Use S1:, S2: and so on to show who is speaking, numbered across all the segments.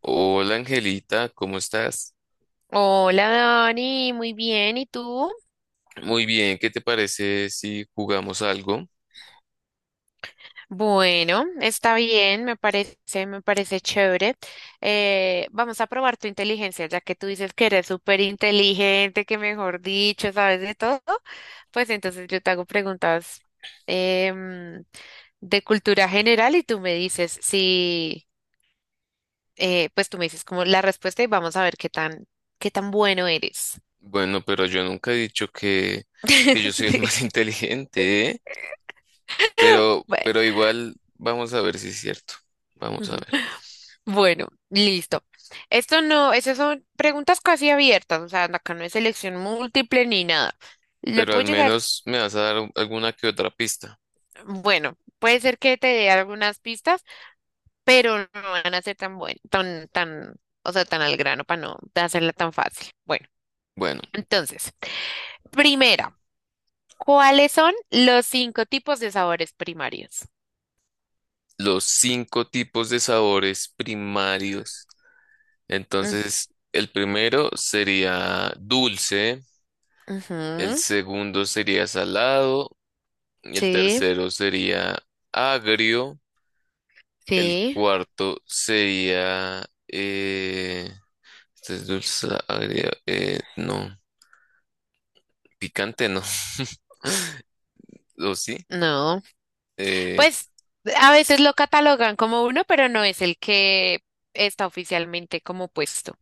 S1: Hola Angelita, ¿cómo estás?
S2: Hola Dani, muy bien, ¿y tú?
S1: Muy bien, ¿qué te parece si jugamos algo?
S2: Bueno, está bien, me parece chévere. Vamos a probar tu inteligencia, ya que tú dices que eres súper inteligente, que mejor dicho, sabes de todo. Pues entonces yo te hago preguntas em, de cultura general y tú me dices si, pues tú me dices como la respuesta y vamos a ver qué tan bueno eres.
S1: Bueno, pero yo nunca he dicho que yo soy el
S2: Sí,
S1: más inteligente, ¿eh? Pero,
S2: bueno.
S1: pero igual vamos a ver si es cierto. Vamos a ver.
S2: Bueno, listo. Esto no, esas son preguntas casi abiertas, o sea, acá no es selección múltiple ni nada. Le
S1: Pero al
S2: puedo llegar,
S1: menos me vas a dar alguna que otra pista.
S2: bueno, puede ser que te dé algunas pistas, pero no van a ser tan buen, tan, tan, o sea, tan al grano para no hacerla tan fácil. Bueno,
S1: Bueno,
S2: entonces, primera, ¿cuáles son los cinco tipos de sabores primarios?
S1: los cinco tipos de sabores primarios.
S2: Mm,
S1: Entonces, el primero sería dulce, el
S2: ujú,
S1: segundo sería salado, y el
S2: sí,
S1: tercero sería agrio. El
S2: sí,
S1: cuarto sería... este es dulce, agrio. No, picante no. ¿O sí?
S2: no.
S1: Eh,
S2: Pues a veces lo catalogan como uno, pero no es el que está oficialmente como puesto.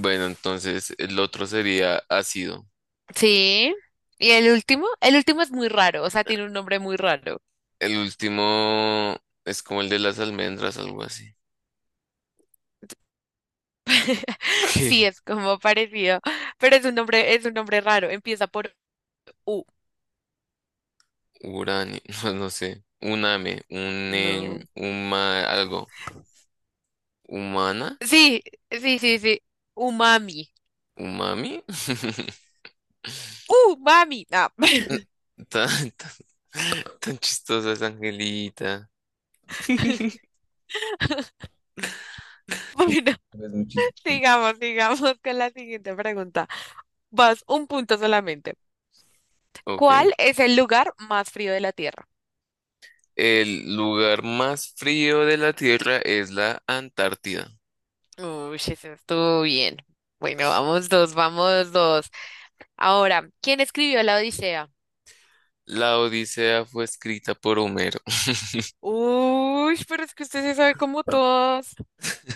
S1: bueno, entonces el otro sería ácido.
S2: Sí. Y el último es muy raro, o sea, tiene un nombre muy raro.
S1: El último es como el de las almendras, algo así.
S2: Sí, es como parecido, pero es un nombre raro. Empieza por U.
S1: Uranio, no, no sé. Uname, un,
S2: No.
S1: algo. ¿Humana?
S2: Sí, sí, sí, sí. Umami.
S1: ¿Umami?
S2: Umami. No.
S1: Tan, tan, tan chistosa es Angelita.
S2: Bueno,
S1: Es muy chistoso.
S2: sigamos con la siguiente pregunta. Vas un punto solamente.
S1: Ok.
S2: ¿Cuál es el lugar más frío de la Tierra?
S1: El lugar más frío de la Tierra es la Antártida.
S2: Uy, eso estuvo bien. Bueno, vamos dos. Ahora, ¿quién escribió la Odisea?
S1: La Odisea fue escrita por Homero.
S2: Uy, pero es que usted se sabe como todos.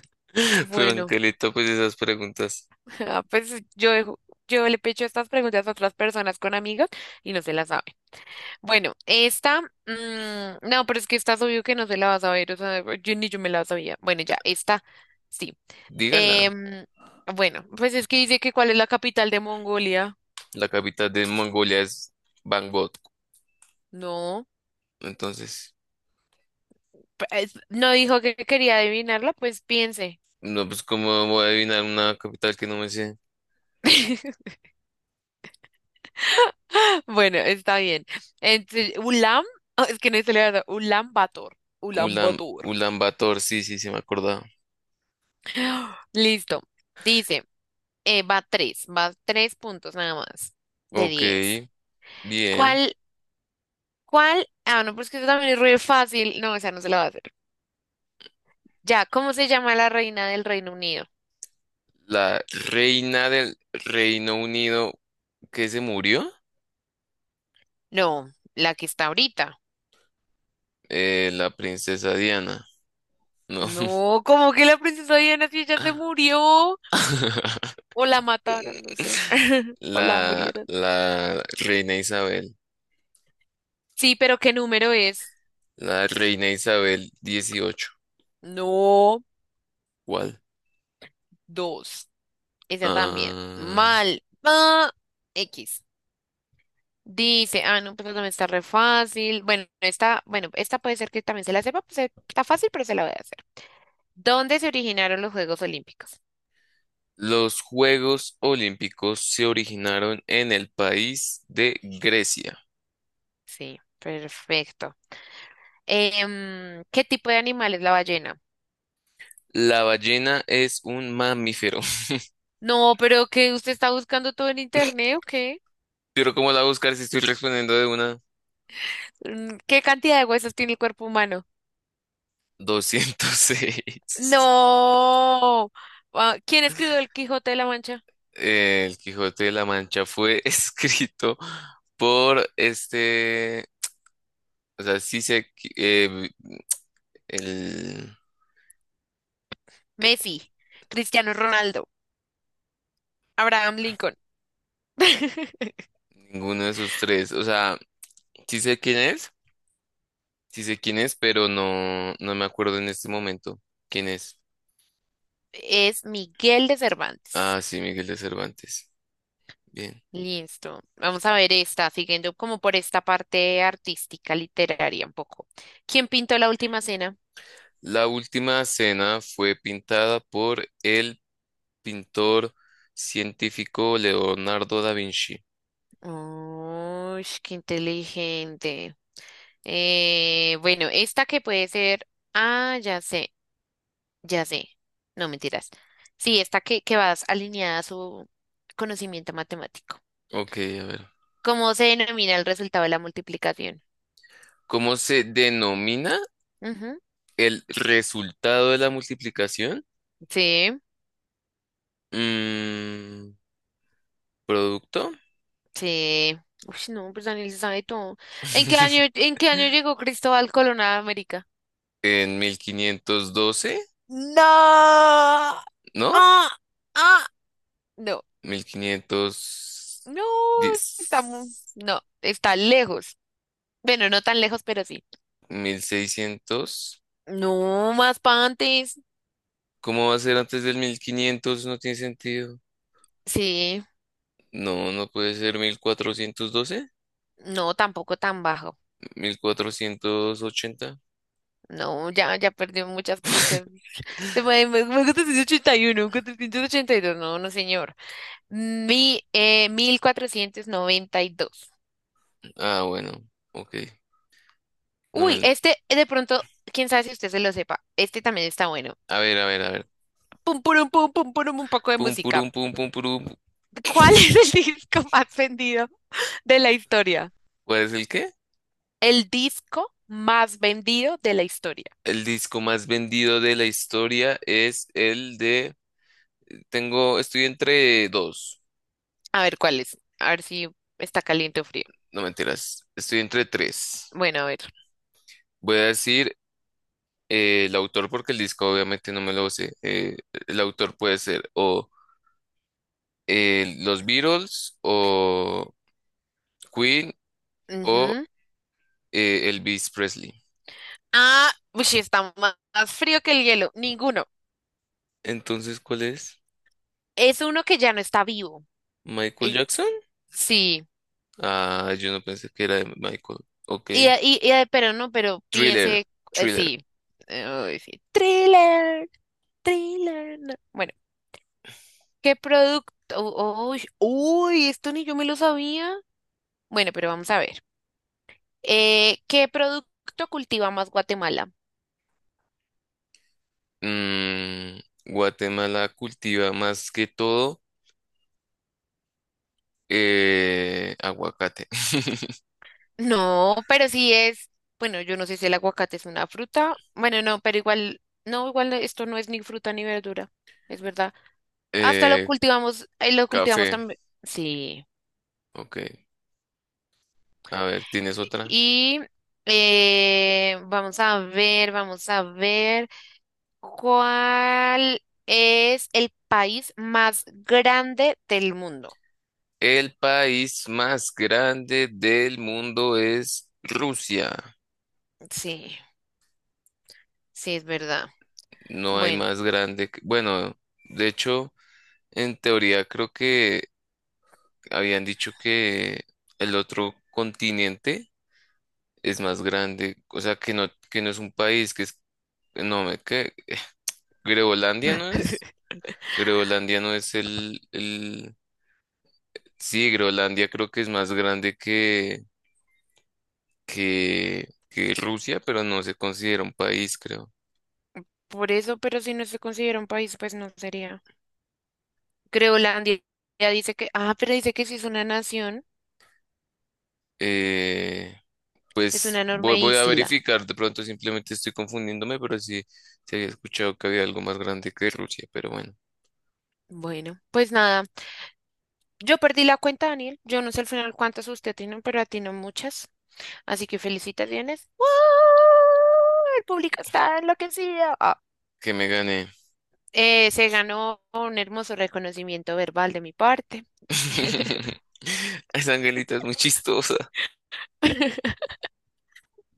S1: Pero
S2: Bueno,
S1: Angelita, pues esas preguntas,
S2: ah, pues yo, yo le pecho estas preguntas a otras personas con amigos y no se las saben. Bueno, esta, mm, no, pero es que esta es obvio que no se la va a saber, o sea, yo ni yo me la sabía. Bueno, ya, esta, sí.
S1: dígala.
S2: Em, bueno, pues es que dice que cuál es la capital de Mongolia.
S1: La capital de Mongolia es Bangkok.
S2: No.
S1: Entonces,
S2: No dijo que quería adivinarla, pues piense.
S1: no, pues cómo voy a adivinar una capital que no me sé.
S2: Bueno, está bien. Entonces, Ulam, oh, es que no se le va a dar, Ulam Bator. Ulam
S1: Ulan,
S2: Bator.
S1: Ulan Bator, sí, sí, se me acordaba.
S2: Listo. Dice, va tres puntos nada más de
S1: Ok,
S2: 10.
S1: bien.
S2: ¿Cuál, cuál? Ah, no, pues que eso también es re fácil. No, esa no se la va a hacer. Ya, ¿cómo se llama la reina del Reino Unido?
S1: La reina del Reino Unido que se murió,
S2: No, la que está ahorita.
S1: la princesa Diana, no.
S2: No, ¿cómo que la princesa Diana si ella se murió? O la mataron, no sé. O la
S1: La,
S2: murieron.
S1: la reina Isabel,
S2: Sí, pero ¿qué número es?
S1: la reina Isabel dieciocho.
S2: No,
S1: ¿Cuál?
S2: dos. Esa también.
S1: Ah,
S2: Mal. Ah, X. Dice, ah, no, pero también está re fácil. Bueno, esta puede ser que también se la sepa, pues está fácil, pero se la voy a hacer. ¿Dónde se originaron los Juegos Olímpicos?
S1: los Juegos Olímpicos se originaron en el país de Grecia.
S2: Sí, perfecto. ¿Qué tipo de animal es la ballena?
S1: La ballena es un mamífero.
S2: No, pero que usted está buscando todo en internet, ¿o qué?
S1: Pero, ¿cómo la voy a buscar si estoy respondiendo de una?
S2: Mm, ¿qué cantidad de huesos tiene el cuerpo humano?
S1: 206.
S2: No. Ah, ¿quién escribió El Quijote de la Mancha?
S1: El Quijote de la Mancha fue escrito por este, o sea, el,
S2: Messi, Cristiano Ronaldo, Abraham Lincoln.
S1: ninguno de esos tres, o sea, sí sé quién es, sí sé quién es, pero no me acuerdo en este momento quién es.
S2: Es Miguel de Cervantes.
S1: Ah, sí, Miguel de Cervantes. Bien.
S2: Listo. Vamos a ver esta, siguiendo como por esta parte artística, literaria un poco. ¿Quién pintó la última cena?
S1: La última cena fue pintada por el pintor científico Leonardo da Vinci.
S2: Uy, qué inteligente. Bueno, esta que puede ser. Ah, ya sé. Ya sé, no mentiras. Sí, esta que vas alineada a su conocimiento matemático.
S1: Ok, a ver.
S2: ¿Cómo se denomina el resultado de la multiplicación?
S1: ¿Cómo se denomina?
S2: Ujú,
S1: El resultado de la multiplicación.
S2: sí,
S1: mm, Producto.
S2: sí. Uy, no, pues Daniel se sabe todo. ¿En qué año llegó Cristóbal Colón a América?
S1: En 1512.
S2: No.
S1: ¿No?
S2: Ah, ah. No,
S1: mil quinientos
S2: no,
S1: diez,
S2: no, está lejos. Bueno, no tan lejos, pero sí.
S1: 1600.
S2: No, más pa' antes.
S1: ¿Cómo va a ser antes del 1500? No tiene sentido.
S2: Sí,
S1: No, no puede ser 1412,
S2: no, tampoco tan bajo.
S1: 1480.
S2: No, ya, ya perdió muchas punchas. Me gusta 481, 482, no, no, señor. Mil cuatrocientos noventa y dos.
S1: Ah, bueno. Ok. No
S2: Uy,
S1: me...
S2: este de pronto, quién sabe si usted se lo sepa. Este también está bueno.
S1: A ver, a ver, a ver.
S2: Pum, purum, pum, pum, purum, un poco de
S1: Pum,
S2: música.
S1: purum, pum, pum, purum.
S2: ¿Cuál es el disco más vendido de la historia?
S1: ¿Cuál es el qué?
S2: El disco más vendido de la historia.
S1: El disco más vendido de la historia es el de... Tengo, estoy entre dos,
S2: A ver, ¿cuál es? A ver si está caliente o frío.
S1: no mentiras, estoy entre tres.
S2: Bueno, a ver.
S1: Voy a decir el autor porque el disco obviamente no me lo sé. El autor puede ser o los Beatles o Queen o
S2: Ujú.
S1: Elvis Presley.
S2: Ah, uy, sí, más frío que el hielo. Ninguno.
S1: Entonces, ¿cuál es?
S2: Es uno que ya no está vivo.
S1: ¿Michael
S2: Eh,
S1: Jackson?
S2: sí.
S1: Ah, yo no pensé que era de Michael. Ok.
S2: Pero no, pero
S1: Thriller,
S2: piense,
S1: Thriller.
S2: sí. Uy, sí. Thriller, thriller. No. Bueno, ¿qué producto? Uy, uy, esto ni yo me lo sabía. Bueno, pero vamos a ver. ¿Qué producto cultiva más Guatemala?
S1: Mm, Guatemala cultiva más que todo aguacate.
S2: No, pero sí es. Bueno, yo no sé si el aguacate es una fruta. Bueno, no, pero igual, no, igual esto no es ni fruta ni verdura. Es verdad. Hasta
S1: Eh,
S2: lo cultivamos
S1: café.
S2: también. Sí.
S1: Ok. A ver, ¿tienes otra?
S2: Y vamos a ver cuál es el país más grande del mundo.
S1: El país más grande del mundo es Rusia.
S2: Sí, sí, es verdad.
S1: No hay
S2: Bueno,
S1: más grande. Que... bueno, de hecho, en teoría creo que habían dicho que el otro continente es más grande. O sea, que no es un país, que es... No, me... que Groenlandia, ¿no es? Groenlandia no es el... Sí, Groenlandia creo que es más grande que, que Rusia, pero no se considera un país, creo.
S2: por eso, pero si no se considera un país, pues no sería. Groenlandia ya dice que, ah, pero dice que sí es una nación,
S1: Eh,
S2: es
S1: pues
S2: una enorme
S1: voy a
S2: isla.
S1: verificar, de pronto simplemente estoy confundiéndome, pero sí, se había escuchado que había algo más grande que Rusia, pero bueno.
S2: Bueno, pues nada. Yo perdí la cuenta, Daniel. Yo no sé al final cuántas usted tiene, pero atinó muchas. Así que felicitaciones. ¡Wow! El público está enloquecido. Ah,
S1: Que me gané.
S2: se ganó un hermoso reconocimiento verbal de mi parte.
S1: Esa angelita es muy chistosa.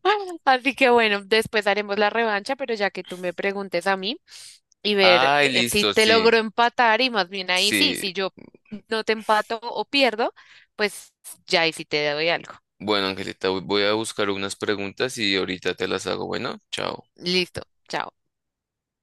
S2: Así que bueno, después haremos la revancha, pero ya que tú me preguntes a mí y ver
S1: Ay,
S2: si
S1: listo,
S2: te
S1: sí,
S2: logro empatar y más bien ahí sí,
S1: sí.
S2: si yo no te empato o pierdo, pues ya ahí sí te doy algo.
S1: Bueno, Angelita, voy a buscar unas preguntas y ahorita te las hago. Bueno, chao.
S2: Listo, chao.